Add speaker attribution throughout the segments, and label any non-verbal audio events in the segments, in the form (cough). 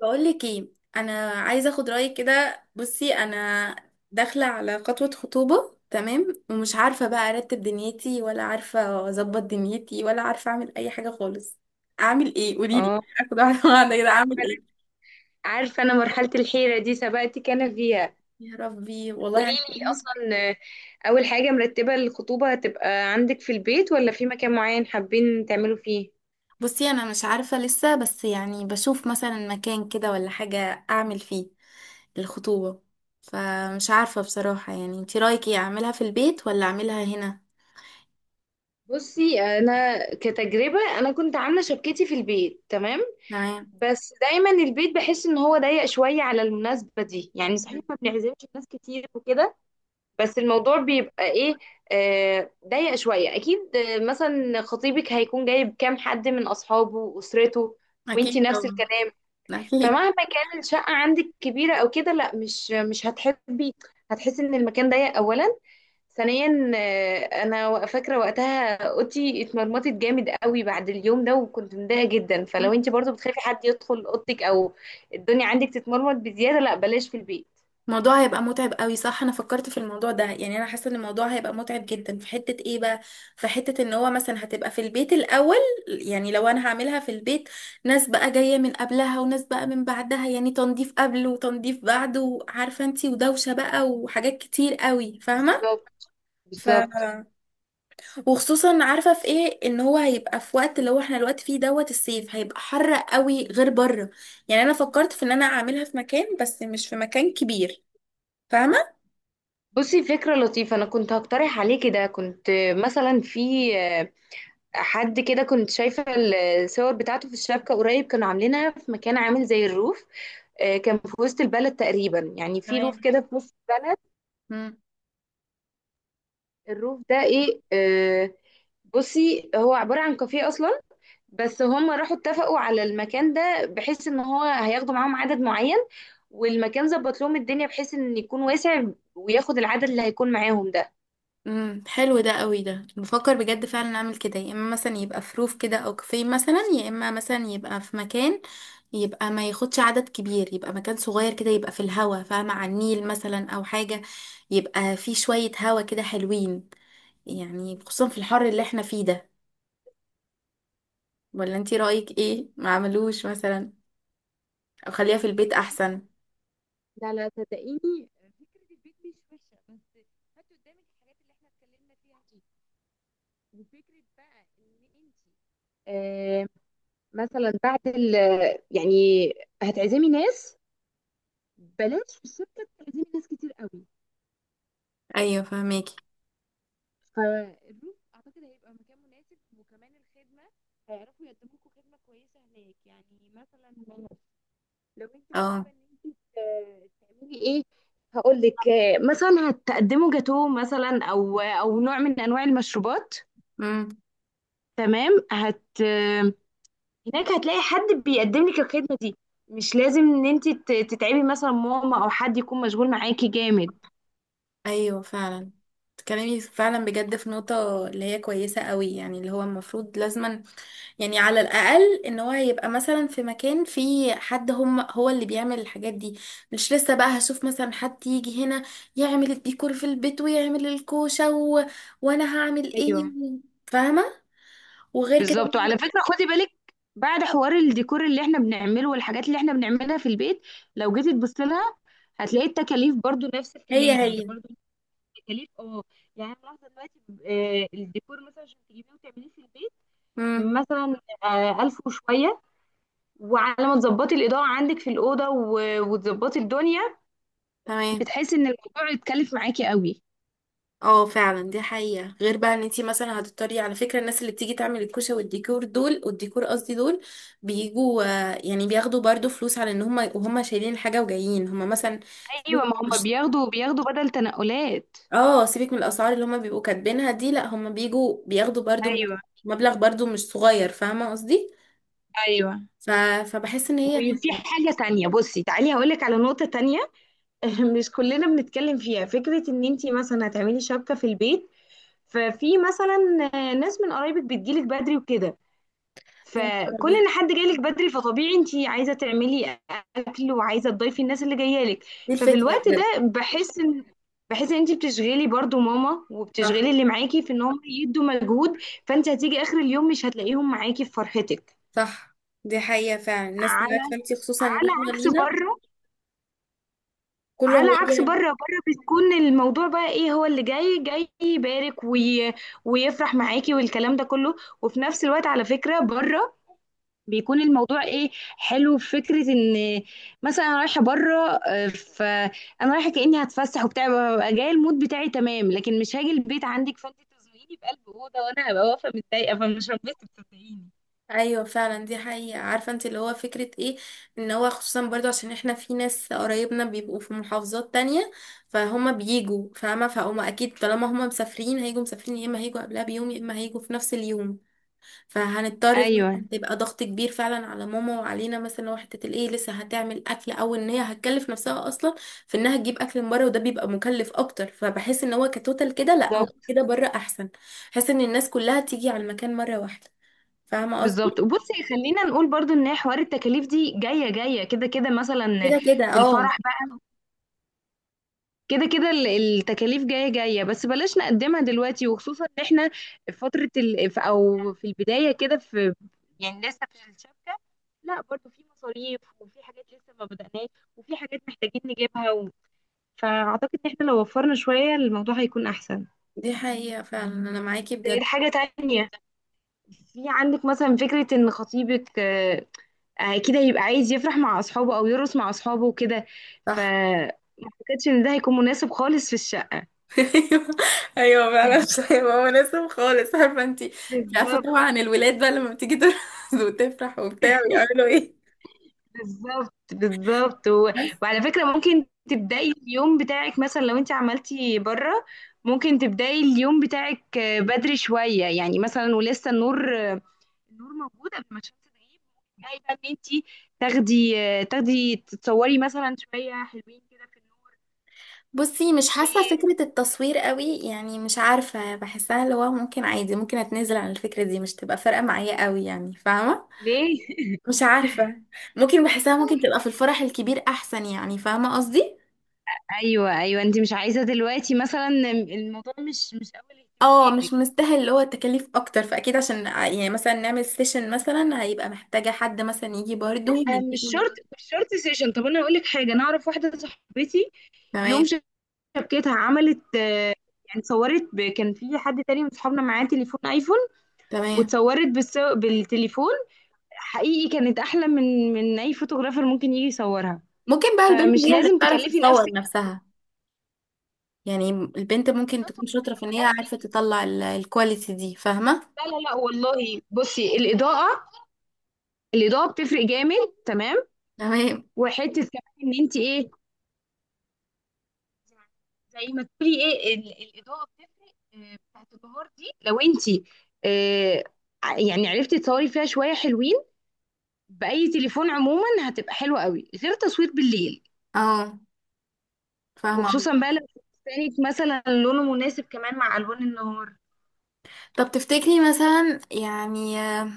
Speaker 1: بقول لك ايه، انا عايزه اخد رايك كده. بصي، انا داخله على خطوبه، تمام، ومش عارفه بقى ارتب دنيتي، ولا عارفه اظبط دنيتي، ولا عارفه اعمل اي حاجه خالص. اعمل ايه؟ قولي لي.
Speaker 2: اه.
Speaker 1: اخد واحده واحده كده،
Speaker 2: عارفه
Speaker 1: اعمل
Speaker 2: انا
Speaker 1: ايه؟
Speaker 2: عارفه انا مرحله الحيره دي سبقتك انا فيها.
Speaker 1: يا ربي، والله
Speaker 2: قولي
Speaker 1: عايزه اقول
Speaker 2: لي
Speaker 1: لك.
Speaker 2: اصلا. اول حاجه، مرتبه الخطوبه هتبقى عندك في البيت ولا في مكان معين حابين تعملوا فيه؟
Speaker 1: بصي، انا مش عارفه لسه، بس يعني بشوف مثلا مكان كده ولا حاجه اعمل فيه الخطوبه. فمش عارفه بصراحه، يعني انتي رايك ايه؟ اعملها في البيت ولا اعملها هنا؟
Speaker 2: بصي، انا كتجربه انا كنت عامله شبكتي في البيت، تمام.
Speaker 1: تمام.
Speaker 2: بس دايما البيت بحس ان هو ضيق شويه على المناسبه دي، يعني صحيح ما بنعزمش ناس كتير وكده، بس الموضوع بيبقى ايه؟ ضيق شوية اكيد. مثلا خطيبك هيكون جايب كام حد من اصحابه واسرته، وانتي
Speaker 1: اكيد
Speaker 2: نفس
Speaker 1: طبعا.
Speaker 2: الكلام.
Speaker 1: اكيد.
Speaker 2: فمهما كان الشقة عندك كبيرة او كده، لا، مش هتحبي، هتحسي ان المكان ضيق اولا. ثانيا، انا فاكرة وقتها اوضتي اتمرمطت جامد قوي بعد اليوم ده، وكنت متضايقة جدا. فلو انتي برضو بتخافي حد يدخل اوضتك او الدنيا عندك تتمرمط بزيادة، لا بلاش في البيت.
Speaker 1: الموضوع هيبقى متعب قوي، صح، انا فكرت في الموضوع ده، يعني انا حاسه ان الموضوع هيبقى متعب جدا. في حته ايه بقى؟ في حته ان هو مثلا هتبقى في البيت الاول، يعني لو انا هعملها في البيت، ناس بقى جايه من قبلها وناس بقى من بعدها، يعني تنظيف قبل وتنظيف بعد، وعارفه انتي ودوشه بقى وحاجات كتير قوي، فاهمه.
Speaker 2: بالظبط،
Speaker 1: ف
Speaker 2: بالظبط.
Speaker 1: وخصوصا عارفه في ايه، ان هو هيبقى في وقت اللي هو احنا الوقت فيه دوت الصيف، هيبقى حر قوي غير بره. يعني انا فكرت في ان انا اعملها في مكان، بس مش في مكان كبير. فاهمة؟
Speaker 2: بصي، فكرة لطيفة، أنا كنت هقترح عليه كده، كنت مثلا في حد كده، كنت شايفة الصور بتاعته في الشبكة قريب، كانوا عاملينها في مكان عامل زي الروف. كان في وسط البلد تقريبا، يعني في
Speaker 1: تمام.
Speaker 2: روف كده في نص البلد.
Speaker 1: مم.
Speaker 2: الروف ده إيه؟ بصي، هو عبارة عن كافيه أصلا، بس هم راحوا اتفقوا على المكان ده بحيث إن هو هياخدوا معاهم عدد معين، والمكان ظبط لهم الدنيا بحيث إن يكون واسع وياخد العدد اللي هيكون معاهم.
Speaker 1: حلو ده قوي، ده بفكر بجد فعلا اعمل كده، يا اما مثلا يبقى في روف كده او كافيه مثلا، يا اما مثلا يبقى في مكان يبقى ما ياخدش عدد كبير، يبقى مكان صغير كده، يبقى في الهوا، فاهمة، على النيل مثلا او حاجة، يبقى في شوية هوا كده حلوين، يعني خصوصا في الحر اللي احنا فيه ده. ولا انتي رأيك ايه؟ ما عملوش مثلا او خليها في البيت
Speaker 2: ده،
Speaker 1: احسن؟
Speaker 2: لا لا، صدقيني، فكرة البيت مش وحشة، بس هاتي قدامك الحاجات اللي احنا اتكلمنا فيها دي. وفكرة بقى ان انتي، آه، مثلا بعد يعني هتعزمي ناس، بلاش في الشركة تعزمي ناس كتير قوي.
Speaker 1: ايوه، فهماكي.
Speaker 2: الروف اعتقد هيبقى مكان مناسب، وكمان الخدمة هيعرفوا يقدموا لكم خدمة كويسة هناك. يعني مثلا لو انت
Speaker 1: اه.
Speaker 2: حابه ان انت تعملي ايه، هقول لك. مثلا هتقدموا جاتوه مثلا او نوع من انواع المشروبات. تمام. هت آه، هناك هتلاقي حد بيقدم لك الخدمه دي، مش لازم ان انت تتعبي مثلا ماما او حد يكون مشغول معاكي جامد.
Speaker 1: ايوه فعلا، تكلمي فعلا بجد في نقطة اللي هي كويسة قوي، يعني اللي هو المفروض لازما، يعني على الأقل ان هو يبقى مثلا في مكان فيه حد هم هو اللي بيعمل الحاجات دي. مش لسه بقى هشوف مثلا حد يجي هنا يعمل الديكور في البيت ويعمل الكوشة و... وانا هعمل
Speaker 2: ايوه،
Speaker 1: ايه فاهمة. وغير كده
Speaker 2: بالظبط، وعلى فكره خدي بالك، بعد حوار الديكور اللي احنا بنعمله والحاجات اللي احنا بنعملها في البيت، لو جيتي تبصي لها، هتلاقي التكاليف برضو نفس
Speaker 1: هي
Speaker 2: الكلام، يعني
Speaker 1: هي
Speaker 2: برضو تكاليف. اه، يعني انا ملاحظه دلوقتي، الديكور مثلا عشان تجيبيه وتعمليه في البيت،
Speaker 1: امم
Speaker 2: مثلا ألف وشويه، وعلى ما تظبطي الاضاءه عندك في الاوضه و- وتظبطي الدنيا،
Speaker 1: تمام.
Speaker 2: بتحسي ان الموضوع يتكلف معاكي قوي.
Speaker 1: اه فعلا، دي حقيقة، غير بقى ان انتي مثلا هتضطري، على فكرة، الناس اللي بتيجي تعمل الكوشة والديكور دول، والديكور قصدي دول بيجوا، يعني بياخدوا برضو فلوس على ان هم، وهم شايلين الحاجة وجايين هم مثلا.
Speaker 2: ايوه، ما
Speaker 1: سيبك-
Speaker 2: هم بياخدوا بدل تنقلات.
Speaker 1: اه، سيبك من الاسعار اللي هم بيبقوا كاتبينها دي، لا هم بيجوا بياخدوا برضو
Speaker 2: ايوه،
Speaker 1: مبلغ برضو مش صغير، فاهمة قصدي.
Speaker 2: ايوه.
Speaker 1: ف... فبحس ان هي.
Speaker 2: وفي حاجة تانية، بصي تعالي هقولك على نقطة تانية. (laughs) مش كلنا بنتكلم فيها، فكرة ان انتي مثلا هتعملي شبكة في البيت، ففي مثلا ناس من قرايبك بتجيلك بدري وكده.
Speaker 1: يا نهار
Speaker 2: فكون
Speaker 1: أبيض.
Speaker 2: ان حد جايلك بدري، فطبيعي انت عايزه تعملي اكل وعايزه تضيفي الناس اللي جايه لك.
Speaker 1: دي
Speaker 2: ففي
Speaker 1: الفكرة
Speaker 2: الوقت ده
Speaker 1: بجد.
Speaker 2: بحس ان انت بتشغلي برضو ماما
Speaker 1: صح.
Speaker 2: وبتشغلي اللي معاكي في ان هم يدوا مجهود، فانت هتيجي اخر اليوم مش هتلاقيهم معاكي في فرحتك.
Speaker 1: صح، دي حقيقة فعلا، الناس
Speaker 2: على
Speaker 1: عارفة انتي، خصوصا ان
Speaker 2: على
Speaker 1: احنا
Speaker 2: عكس
Speaker 1: لينا
Speaker 2: بره.
Speaker 1: كله
Speaker 2: على عكس بره،
Speaker 1: هيجي.
Speaker 2: بره بتكون الموضوع بقى ايه، هو اللي جاي جاي يبارك وي... ويفرح معاكي والكلام ده كله. وفي نفس الوقت، على فكرة، بره بيكون الموضوع ايه، حلو في فكره ان مثلا انا رايحه بره. فانا رايحه كاني هتفسح وبتاع، ببقى جايه المود بتاعي تمام، لكن مش هاجي البيت عندك فانت تزنقيني بقلب اوضه وانا هبقى واقفه متضايقه فمش هنبسط، صدقيني.
Speaker 1: ايوه فعلا، دي حقيقة، عارفة انت اللي هو فكرة ايه، ان هو خصوصا برضو عشان احنا في ناس قرايبنا بيبقوا في محافظات تانية، فهما بيجوا، فاهمة، فهما اكيد طالما هما مسافرين هيجوا مسافرين، يا اما هيجوا قبلها بيوم، يا اما هيجوا في نفس اليوم. فهنضطر
Speaker 2: ايوه،
Speaker 1: فعلاً تبقى ضغط كبير فعلا على ماما وعلينا، مثلا لو حتة الايه لسه هتعمل اكل، او ان هي هتكلف نفسها اصلا في انها تجيب اكل من بره، وده بيبقى مكلف اكتر. فبحس ان هو كتوتال كده، لا، هو
Speaker 2: بالظبط،
Speaker 1: كده بره احسن. بحس ان الناس كلها تيجي على المكان مرة واحدة، فاهمة
Speaker 2: بالظبط.
Speaker 1: قصدي.
Speaker 2: وبصي، خلينا نقول برضو ان هي حوار التكاليف دي جايه جايه كده كده، مثلا
Speaker 1: كده كده
Speaker 2: في
Speaker 1: اه.
Speaker 2: الفرح، كده كده التكاليف جاية جاية، بس بلاش نقدمها دلوقتي، وخصوصا ان احنا في فترة او في البداية كده، في يعني لسه في الشبكة، لا برضو في مصاريف وفي حاجات لسه ما بدأناش وفي حاجات محتاجين نجيبها فأعتقد ان احنا لو وفرنا شوية الموضوع هيكون أحسن.
Speaker 1: دي حقيقة فعلا، انا معاكي
Speaker 2: زائد
Speaker 1: بجد.
Speaker 2: حاجة تانية، في عندك مثلا فكرة ان خطيبك كده يبقى عايز يفرح مع أصحابه أو يرقص مع أصحابه وكده. ف،
Speaker 1: صح.
Speaker 2: ما اعتقدش ان ده هيكون مناسب خالص في الشقة.
Speaker 1: (laughs) ايوه. ايوه فعلا (laughs) مش هيبقى مناسب خالص عارفه انت. عارفه
Speaker 2: بالظبط،
Speaker 1: طبعا الولاد بقى لما بتيجي ترقص (laughs) وتفرح وبتاع ويعملوا ايه.
Speaker 2: بالظبط، بالظبط.
Speaker 1: بس.
Speaker 2: وعلى فكرة ممكن تبدأي اليوم بتاعك مثلا لو انت عملتي بره، ممكن تبدأي اليوم بتاعك بدري شوية، يعني مثلا ولسه النور، النور موجود قبل ما الشمس تغيب. تبدأي بقى ان انت تاخدي تتصوري مثلا شوية حلوين كده في النور.
Speaker 1: بصي، مش حاسة
Speaker 2: و-
Speaker 1: فكرة التصوير قوي، يعني مش عارفة، بحسها اللي هو ممكن عادي، ممكن اتنازل عن الفكرة دي، مش تبقى فارقة معايا قوي، يعني فاهمة.
Speaker 2: ليه؟
Speaker 1: مش عارفة، ممكن بحسها ممكن تبقى في الفرح الكبير احسن، يعني فاهمة قصدي.
Speaker 2: ايوه، ايوه، انت مش عايزة دلوقتي، مثلا الموضوع مش اول
Speaker 1: اه مش
Speaker 2: اهتماماتك.
Speaker 1: مستاهل، اللي هو التكاليف اكتر، فاكيد عشان يعني مثلا نعمل سيشن مثلا، هيبقى محتاجة حد مثلا يجي برضه
Speaker 2: مش
Speaker 1: يجيبه.
Speaker 2: شرط مش شرط سيشن. طب انا اقول لك حاجة، انا اعرف واحدة صاحبتي، يوم
Speaker 1: تمام.
Speaker 2: شبكتها عملت، يعني اتصورت كان في حد تاني من صحابنا معاه تليفون ايفون،
Speaker 1: تمام.
Speaker 2: واتصورت بالتليفون. حقيقي كانت احلى من اي فوتوغرافر ممكن يجي يصورها.
Speaker 1: ممكن بقى البنت
Speaker 2: فمش
Speaker 1: هي اللي
Speaker 2: لازم
Speaker 1: تعرف
Speaker 2: تكلفي
Speaker 1: تصور
Speaker 2: نفسك
Speaker 1: نفسها، يعني البنت ممكن
Speaker 2: الخطوة
Speaker 1: تكون شاطرة في ان هي
Speaker 2: كلها.
Speaker 1: عارفة تطلع الكواليتي دي، فاهمة.
Speaker 2: لا لا لا، والله، بصي الاضاءه بتفرق جامد، تمام.
Speaker 1: تمام.
Speaker 2: وحته كمان ان انت ايه، زي ما تقولي ايه الاضاءه بتفرق، بتاعت النهار دي، لو انت آه، يعني عرفتي تصوري فيها شويه حلوين باي تليفون عموما هتبقى حلوه قوي، غير تصوير بالليل.
Speaker 1: اه فاهمة.
Speaker 2: وخصوصا بقى لو كانت مثلا لونه مناسب كمان مع الوان النهار.
Speaker 1: طب تفتكري مثلا، يعني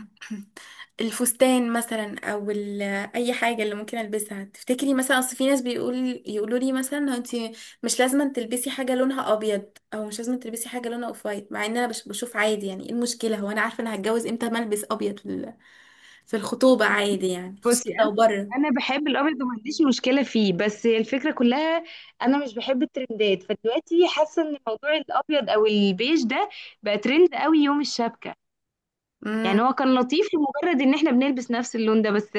Speaker 1: (clears throat) الفستان مثلا او اي حاجه اللي ممكن البسها، تفتكري مثلا؟ اصل في ناس بيقول، يقولوا لي مثلا انت مش لازم تلبسي حاجه لونها ابيض، او مش لازم تلبسي حاجه لونها اوف وايت، مع ان انا بشوف عادي، يعني ايه المشكله؟ هو انا عارفه انا هتجوز امتى ما البس ابيض في في الخطوبه، عادي يعني، خصوصا
Speaker 2: بصي، انا
Speaker 1: لو بره.
Speaker 2: انا بحب الابيض وما عنديش مشكله فيه، بس هي الفكره كلها، انا مش بحب الترندات. فدلوقتي حاسه ان موضوع الابيض او البيج ده بقى ترند قوي يوم الشبكه. يعني هو كان لطيف لمجرد ان احنا بنلبس نفس اللون ده، بس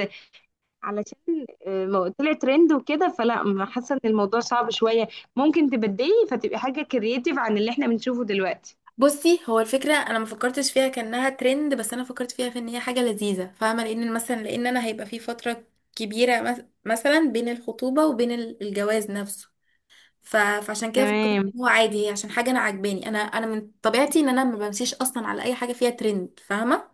Speaker 2: علشان طلع ترند وكده، فلا، ما حاسه ان الموضوع صعب شويه. ممكن تبدلي فتبقي حاجه كرييتيف عن اللي احنا بنشوفه دلوقتي.
Speaker 1: بصي، هو الفكرة انا ما فكرتش فيها كأنها ترند، بس انا فكرت فيها في ان هي حاجة لذيذة، فاهمة، لان مثلا، لان انا هيبقى في فترة كبيرة، مثلا بين الخطوبة وبين الجواز نفسه. فعشان كده فكرت
Speaker 2: تمام.
Speaker 1: إن هو عادي، هي عشان حاجة انا عاجباني. انا انا من طبيعتي ان انا ما بمشيش اصلا على اي حاجة فيها ترند، فاهمة،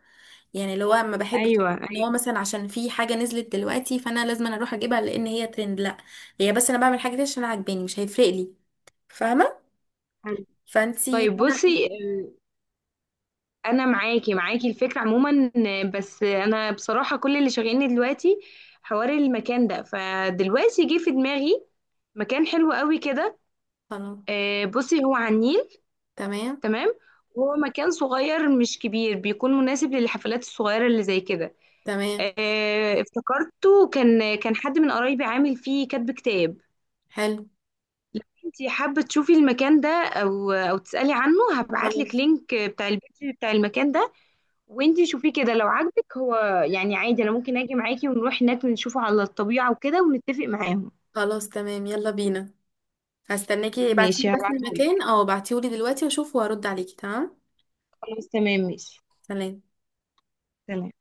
Speaker 1: يعني اللي هو ما بحبش
Speaker 2: ايوه،
Speaker 1: ان هو
Speaker 2: ايوه،
Speaker 1: مثلا عشان في حاجة نزلت دلوقتي فانا لازم أنا اروح اجيبها لان هي ترند، لا، هي بس انا بعمل حاجة دي عشان أنا عاجباني، مش هيفرق لي، فاهمة.
Speaker 2: حلو. طيب
Speaker 1: فانا
Speaker 2: بصي، انا معاكي الفكره عموما، بس انا بصراحه كل اللي شاغلني دلوقتي حوار المكان ده. فدلوقتي جه في دماغي مكان حلو قوي كده.
Speaker 1: خلاص.
Speaker 2: بصي هو على النيل،
Speaker 1: تمام.
Speaker 2: تمام. هو مكان صغير مش كبير، بيكون مناسب للحفلات الصغيره اللي زي كده.
Speaker 1: تمام.
Speaker 2: افتكرته، كان حد من قرايبي عامل فيه كاتب كتاب.
Speaker 1: حلو.
Speaker 2: انتي حابة تشوفي المكان ده او تسألي عنه؟ هبعت لك
Speaker 1: خلاص.
Speaker 2: لينك بتاع البيج بتاع المكان ده، وانتي شوفيه كده لو عاجبك هو. يعني عادي انا ممكن اجي معاكي ونروح هناك ونشوفه على الطبيعة وكده ونتفق معاهم.
Speaker 1: خلاص تمام، يلا بينا. هستناكي،
Speaker 2: ماشي،
Speaker 1: ابعتيلي بس
Speaker 2: هبعته
Speaker 1: المكان،
Speaker 2: لك.
Speaker 1: اه ابعتيهولي دلوقتي واشوف وارد عليكي، تمام.
Speaker 2: خلاص، تمام، ماشي.
Speaker 1: سلام.
Speaker 2: سلام.